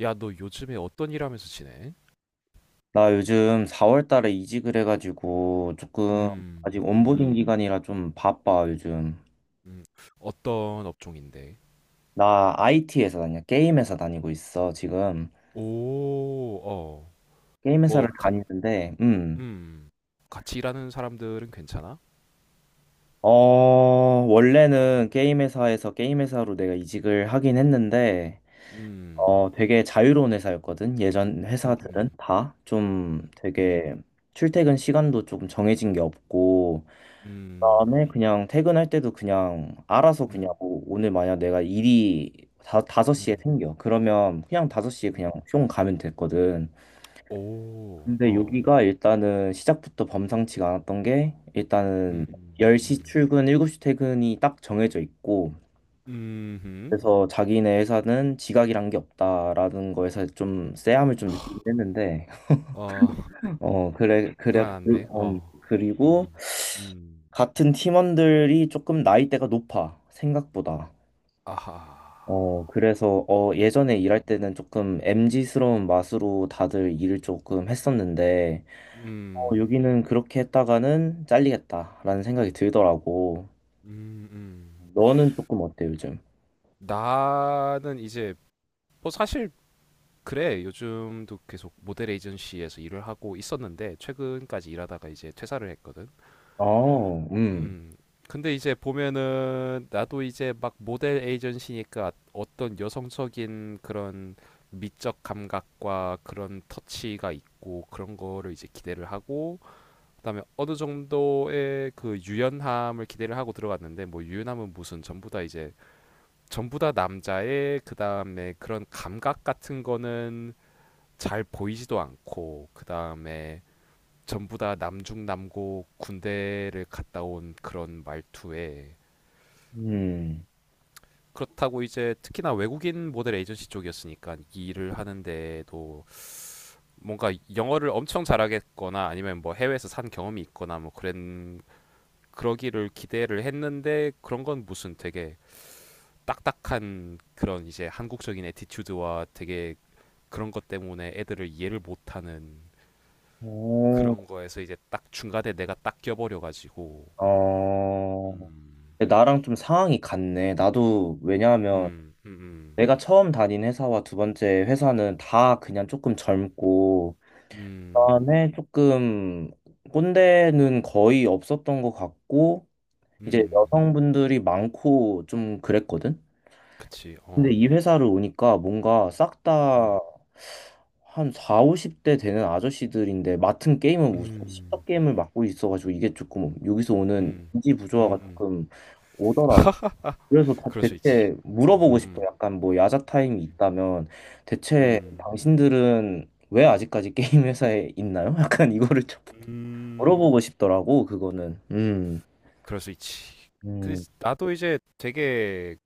야, 너 요즘에 어떤 일 하면서 지내? 나 요즘 4월 달에 이직을 해가지고 조금 음, 아직 온보딩 음, 기간이라 좀 바빠, 요즘. 음. 어떤 업종인데? 나 IT 회사 다녀. 게임 회사 다니고 있어, 지금. 오, 어. 게임 회사를 뭐, 가, 다니는데, 음. 같이 일하는 사람들은 괜찮아? 어, 원래는 게임 회사에서 게임 회사로 내가 이직을 하긴 했는데, 음, 되게 자유로운 회사였거든. 예전 음, 회사들은 음, 다 좀 음, 되게 출퇴근 시간도 조금 정해진 게 없고, 다음에 음, 그냥 퇴근할 때도 그냥 알아서 그냥 음, 뭐 오늘 만약 내가 일이 섯시에 음, 생겨. 그러면 그냥 5시에 음, 그냥 음. 뿅 가면 됐거든. 오, 근데 어. 여기가 일단은 시작부터 범상치가 않았던 게 일단은 음, 10시 음, 출근, 7시 퇴근이 딱 정해져 있고 음, 음. 그래서 자기네 회사는 지각이란 게 없다라는 거에서 좀 쎄함을 좀 느끼긴 했는데 어, 어 그래 그래. 불안한데, 어. 그리고 음, 음. 같은 팀원들이 조금 나이대가 높아 생각보다 아하. 예전에 음, 일할 때는 조금 m 지스러운 맛으로 다들 일을 조금 했었는데, 음, 여기는 그렇게 했다가는 잘리겠다라는 생각이 들더라고. 음, 음. 너는 조금 어때, 요즘? 나는 이제 뭐 사실 그래 요즘도 계속 모델 에이전시에서 일을 하고 있었는데 최근까지 일하다가 이제 퇴사를 했거든. 어, 음. 근데 이제 보면은 나도 이제 막 모델 에이전시니까 어떤 여성적인 그런 미적 감각과 그런 터치가 있고 그런 거를 이제 기대를 하고 그다음에 어느 정도의 그 유연함을 기대를 하고 들어갔는데 뭐 유연함은 무슨 전부 다 이제 전부 다 남자의 그다음에 그런 감각 같은 거는 잘 보이지도 않고 그다음에 전부 다 남중남고 군대를 갔다 온 그런 말투에 음. 그렇다고 이제 특히나 외국인 모델 에이전시 쪽이었으니까 이 일을 하는데도 뭔가 영어를 엄청 잘하겠거나 아니면 뭐 해외에서 산 경험이 있거나 뭐 그런 그러기를 기대를 했는데 그런 건 무슨 되게 딱딱한 그런 이제 한국적인 에티튜드와 되게 그런 것 때문에 애들을 이해를 못하는 어, 그런 거에서 이제 딱 중간에 내가 딱 껴버려가지고 어. 음, 나랑 좀 상황이 같네. 나도, 왜냐하면 음, 음, 내가 처음 다닌 회사와 두 번째 회사는 다 그냥 조금 젊고, 음, 음, 그다음에 조금 꼰대는 거의 없었던 것 같고, 이제 음, 여성분들이 많고 좀 그랬거든? 그치, 근데 어, 이 회사를 오니까 뭔가 싹 음, 다 한 4, 50대 되는 아저씨들인데 맡은 게임은 무슨 십0 음, 게임을 맡고 있어가지고 이게 조금 여기서 오는 음, 인지 음, 부조화가 음, 조금 오더라고. 그래서 다 그럴 수 있지, 대체 음, 물어보고 싶어. 음, 약간 뭐 야자 타임이 음, 있다면 대체 음, 당신들은 왜 아직까지 게임 회사에 있나요? 약간 이거를 좀 음, 물어보고 싶더라고, 그거는. 음. 그럴 수 있지. 그 음. 나도 이제 되게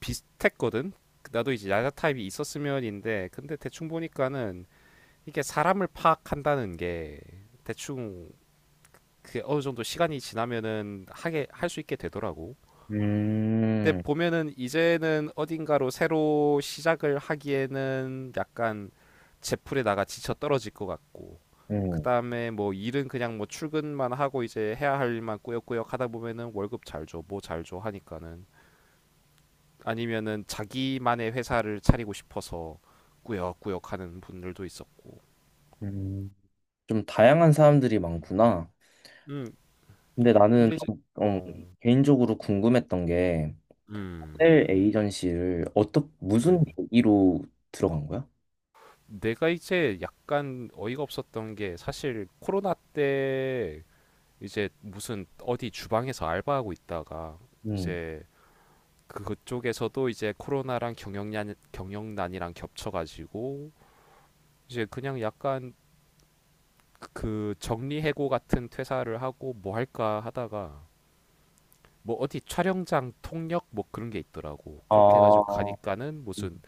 비슷했거든. 나도 이제 야자 타입이 있었으면인데, 근데 대충 보니까는 이게 사람을 파악한다는 게 대충 그 어느 정도 시간이 지나면은 하게 할 수 있게 되더라고. 근데 음. 보면은 이제는 어딘가로 새로 시작을 하기에는 약간 제풀에다가 지쳐 떨어질 것 같고 음. 그다음에 뭐 일은 그냥 뭐 출근만 하고 이제 해야 할 일만 꾸역꾸역 하다 보면은 월급 잘 줘, 뭐 잘 줘 하니까는 아니면은 자기만의 회사를 차리고 싶어서 꾸역꾸역 하는 분들도 있었고. 음, 좀 다양한 사람들이 많구나. 음, 근데 나는 근데 이제 좀, 어 개인적으로 궁금했던 게 음. 호텔 에이전시를 어떻게 무슨 음. 계기로 들어간 거야? 내가 이제 약간 어이가 없었던 게 사실 코로나 때 이제 무슨 어디 주방에서 알바하고 있다가 음. 이제 그쪽에서도 이제 코로나랑 경영난이랑 겹쳐가지고 이제 그냥 약간 그 정리해고 같은 퇴사를 하고 뭐 할까 하다가 뭐 어디 촬영장 통역 뭐 그런 게 있더라고. 그렇게 해가지고 아, 가니까는 무슨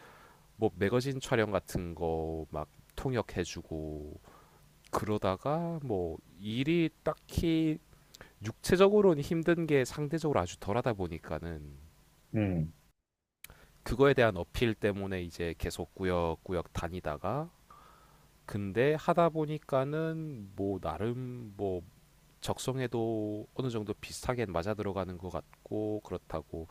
뭐 매거진 촬영 같은 거 막 통역해주고 그러다가 뭐 일이 딱히 육체적으로는 힘든 게 상대적으로 아주 덜하다 보니까는 음, 그거에 대한 어필 때문에 이제 계속 꾸역꾸역 다니다가 근데 하다 보니까는 뭐 나름 뭐 적성에도 어느 정도 비슷하게 맞아 들어가는 것 같고 그렇다고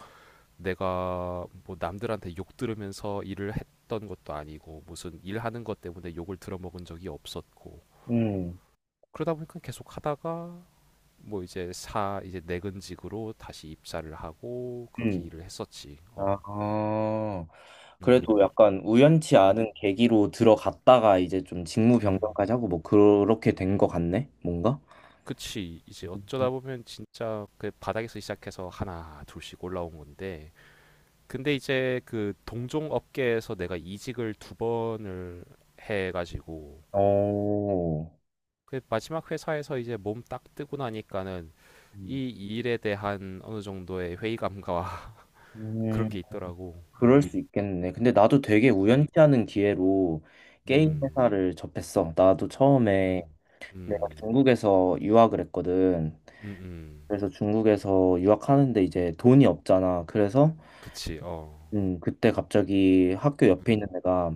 내가 뭐 남들한테 욕 들으면서 일을 했던 것도 아니고 무슨 일하는 것 때문에 욕을 들어먹은 적이 없었고 음, 그러다 보니까 계속 하다가 뭐 이제 내근직으로 다시 입사를 하고 그렇게 음. 일을 했었지. 아, 어. 그래도 음. 약간 우연치 음. 않은 계기로 들어갔다가 이제 좀 직무 음. 변경까지 하고 뭐 그렇게 된 거 같네? 뭔가? 그치. 이제 어쩌다 음. 보면 진짜 그 바닥에서 시작해서 하나, 둘씩 올라온 건데. 근데 이제 그 동종 업계에서 내가 이직을 두 번을 해가지고 어. 그 마지막 회사에서 이제 몸 딱 뜨고 나니까는 이 일에 대한 어느 정도의 회의감과 음. 그런 게 있더라고. 그럴 음. 수 있겠네. 근데 나도 되게 음. 우연치 않은 기회로 게임 음. 회사를 접했어. 나도 처음에 음. 내가 음. 중국에서 유학을 했거든. 음음. 그래서 중국에서 유학하는데 이제 돈이 없잖아. 그래서 그치. 어. 그때 갑자기 학교 옆에 있는 음. 애가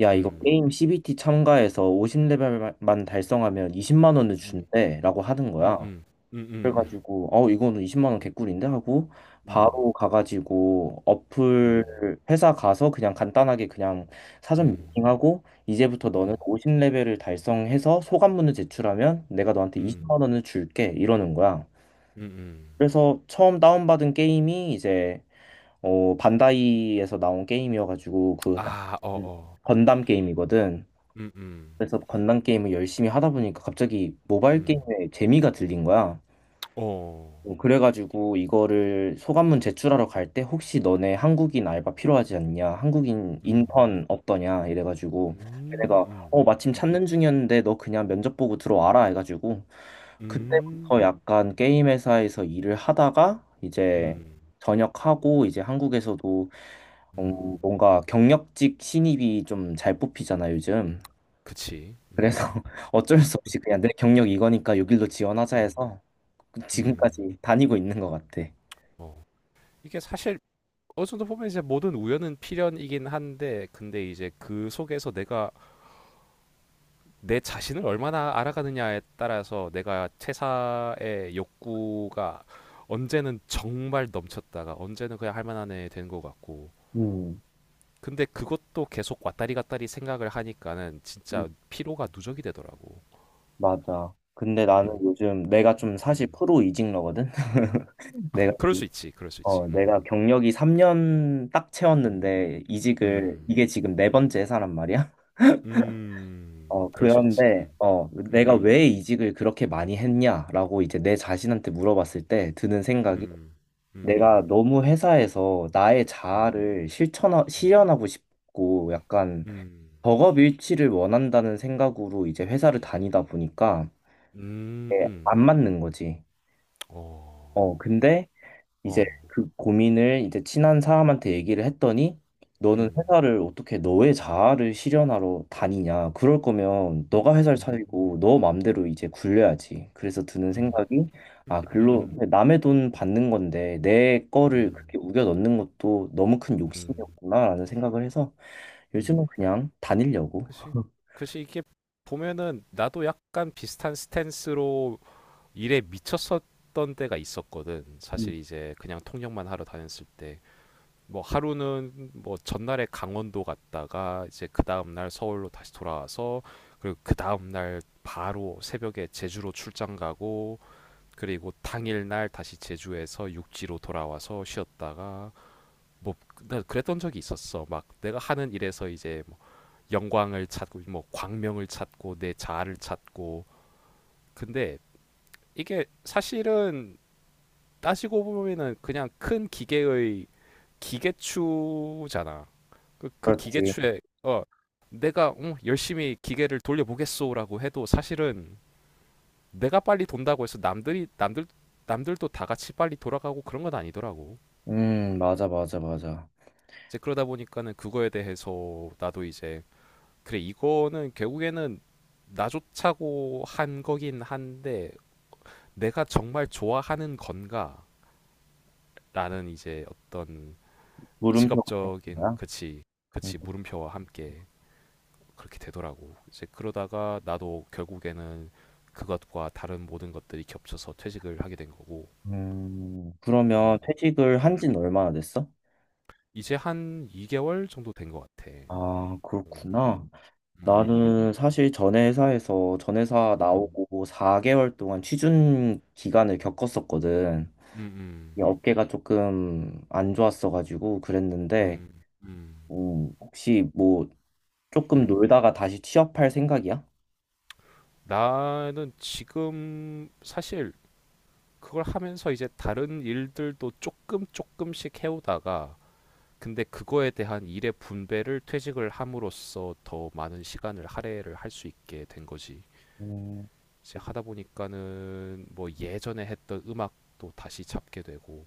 야, 이거 음. 게임 CBT 참가해서 50레벨만 달성하면 20만 원을 음. 준대라고 하는 거야. 음음. 음음. 그래가지고 이거는 20만 원 개꿀인데 하고 음. 음. 바로 가가지고 어플 음. 회사 가서 그냥 간단하게 그냥 음. 사전 음. 미팅하고 이제부터 너는 50레벨을 달성해서 소감문을 제출하면 내가 너한테 음 20만 원을 줄게 이러는 거야. 음, 음. 그래서 처음 다운받은 게임이 이제 반다이에서 나온 게임이어가지고 아 음. 어어. 건담 게임이거든. 음음. 그래서 건담 게임을 열심히 하다 보니까 갑자기 음. 모바일 게임에 재미가 들린 거야. 어. 그래가지고 이거를 소감문 제출하러 갈 때 혹시 너네 한국인 알바 필요하지 않냐? 한국인 음. 인턴 없더냐? 이래가지고 음. 걔네가 음. 마침 음. 찾는 중이었는데 너 그냥 면접 보고 들어와라 해가지고 그때부터 음. 약간 게임 회사에서 일을 하다가 이제 음. 전역하고 이제 한국에서도 음. 뭔가 경력직 신입이 좀 잘 뽑히잖아 요즘. 그치. 그래서 음. 어쩔 수 없이 그냥 내 경력 이거니까 여길로 지원하자 음. 해서 음. 지금까지 다니고 있는 것 같아. 어. 이게 사실 어느 정도 보면 이제 모든 우연은 필연이긴 한데 근데 이제 그 속에서 내가 내 자신을 얼마나 알아가느냐에 따라서 내가 퇴사의 욕구가 언제는 정말 넘쳤다가 언제는 그냥 할 만한 애 되는 것 같고 음, 근데 그것도 계속 왔다리 갔다리 생각을 하니까는 음, 진짜 피로가 누적이 되더라고. 맞아. 근데 나는 음. 요즘 내가 좀 사실 음. 프로 이직러거든? 내가, 그럴 수 있지. 그럴 수 있지. 음. 내가 경력이 3년 딱 음. 채웠는데 음. 이게 지금 네 번째 회사란 말이야? 음. 그럴 수 있지. 음. 내가 음. 왜 이직을 그렇게 많이 했냐라고 이제 내 자신한테 물어봤을 때 드는 생각이 음. 음. 내가 음. 너무 회사에서 나의 음. 자아를 음. 실현하고 싶고 약간 음. 버업 일치를 원한다는 생각으로 이제 회사를 다니다 보니까 음. 이게 안 음. 맞는 거지. 어. 근데 이제 어. 그 고민을 이제 친한 사람한테 얘기를 했더니 너는 음. 회사를 어떻게 너의 자아를 실현하러 다니냐. 그럴 거면 너가 회사를 음. 차리고 너 맘대로 이제 굴려야지. 그래서 드는 음. 생각이 아, 글로 음. 남의 돈 받는 건데 내 거를 음. 그렇게 우겨 넣는 것도 너무 큰 음. 욕심이었구나라는 생각을 해서 음. 요즘은 그냥 다니려고. 그치. 그치 이게 보면은 나도 약간 비슷한 스탠스로 일에 미쳤었던 때가 있었거든. 음, 사실 이제 그냥 통역만 하러 다녔을 때. 뭐 하루는 뭐 전날에 강원도 갔다가 이제 그 다음날 서울로 다시 돌아와서 그리고 그 다음날 바로 새벽에 제주로 출장 가고 그리고 당일날 다시 제주에서 육지로 돌아와서 쉬었다가 뭐 나 그랬던 적이 있었어. 막 내가 하는 일에서 이제 뭐 영광을 찾고 뭐 광명을 찾고 내 자아를 찾고 근데 이게 사실은 따지고 보면은 그냥 큰 기계의 기계추잖아. 그 그렇지. 기계추에 어 내가 응, 열심히 기계를 돌려보겠소라고 해도 사실은 내가 빨리 돈다고 해서 남들이 남들 남들도 다 같이 빨리 돌아가고 그런 건 아니더라고. 맞아, 맞아, 맞아. 이제 그러다 보니까는 그거에 대해서 나도 이제 그래 이거는 결국에는 나조차고 한 거긴 한데 내가 정말 좋아하는 건가라는 이제 어떤 물음표가 생긴 직업적인 거야? 그치 음, 그치 물음표와 함께 그렇게 되더라고. 이제 그러다가 나도 결국에는 그것과 다른 모든 것들이 겹쳐서 퇴직을 하게 된 거고. 그러면 음, 퇴직을 한 음. 지는 얼마나 됐어? 이제 한 2개월 정도 된 것 같아. 아, 음, 그렇구나. 음, 나는 사실 전 회사에서 전 회사 음, 나오고 4개월 동안 취준 기간을 겪었었거든. 음, 이 음, 어깨가 조금 안 좋았어가지고 그랬는데, 음, 음, 혹시 뭐 조금 음. 놀다가 다시 취업할 생각이야? 나는 지금 사실 그걸 하면서 이제 다른 일들도 조금 조금씩 해오다가 근데 그거에 대한 일의 분배를 퇴직을 함으로써 더 많은 시간을 할애를 할 수 있게 된 거지. 음, 이제 하다 보니까는 뭐 예전에 했던 음악도 다시 잡게 되고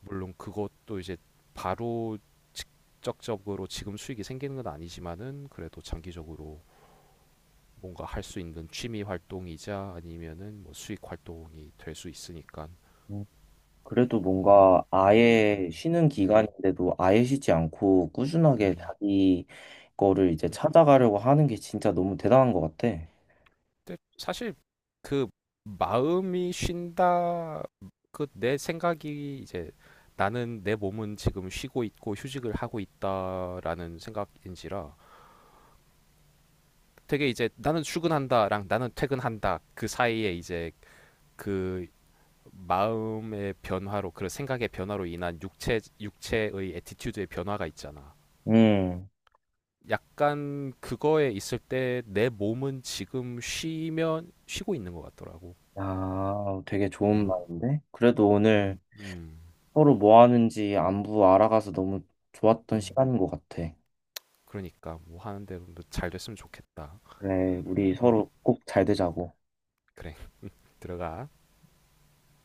물론 그것도 이제 바로 적적으로 지금 수익이 생기는 건 아니지만은 그래도 장기적으로 뭔가 할 수 있는 취미 활동이자 아니면은 뭐 수익 활동이 될 수 있으니까 그래도 음, 뭔가 음, 아예 음, 쉬는 음, 기간인데도 아예 쉬지 않고 꾸준하게 음, 자기 거를 이제 음. 찾아가려고 하는 게 진짜 너무 대단한 것 같아. 근데 사실 그 마음이 쉰다 그 내 생각이 이제 나는 내 몸은 지금 쉬고 있고 휴식을 하고 있다라는 생각인지라 되게 이제 나는 출근한다랑 나는 퇴근한다 그 사이에 이제 그 마음의 변화로 그런 생각의 변화로 인한 육체의 애티튜드의 변화가 있잖아. 음, 약간 그거에 있을 때 내 몸은 지금 쉬면 쉬고 있는 것 같더라고. 야, 되게 좋은 음, 말인데? 그래도 오늘 음, 음. 서로 뭐 하는지 안부 알아가서 너무 좋았던 음, 시간인 것 같아. 그러니까 뭐 하는데 도잘 됐으면 좋겠다. 그래, 우리 음, 서로 꼭 잘 음, 되자고. 그래 들어가.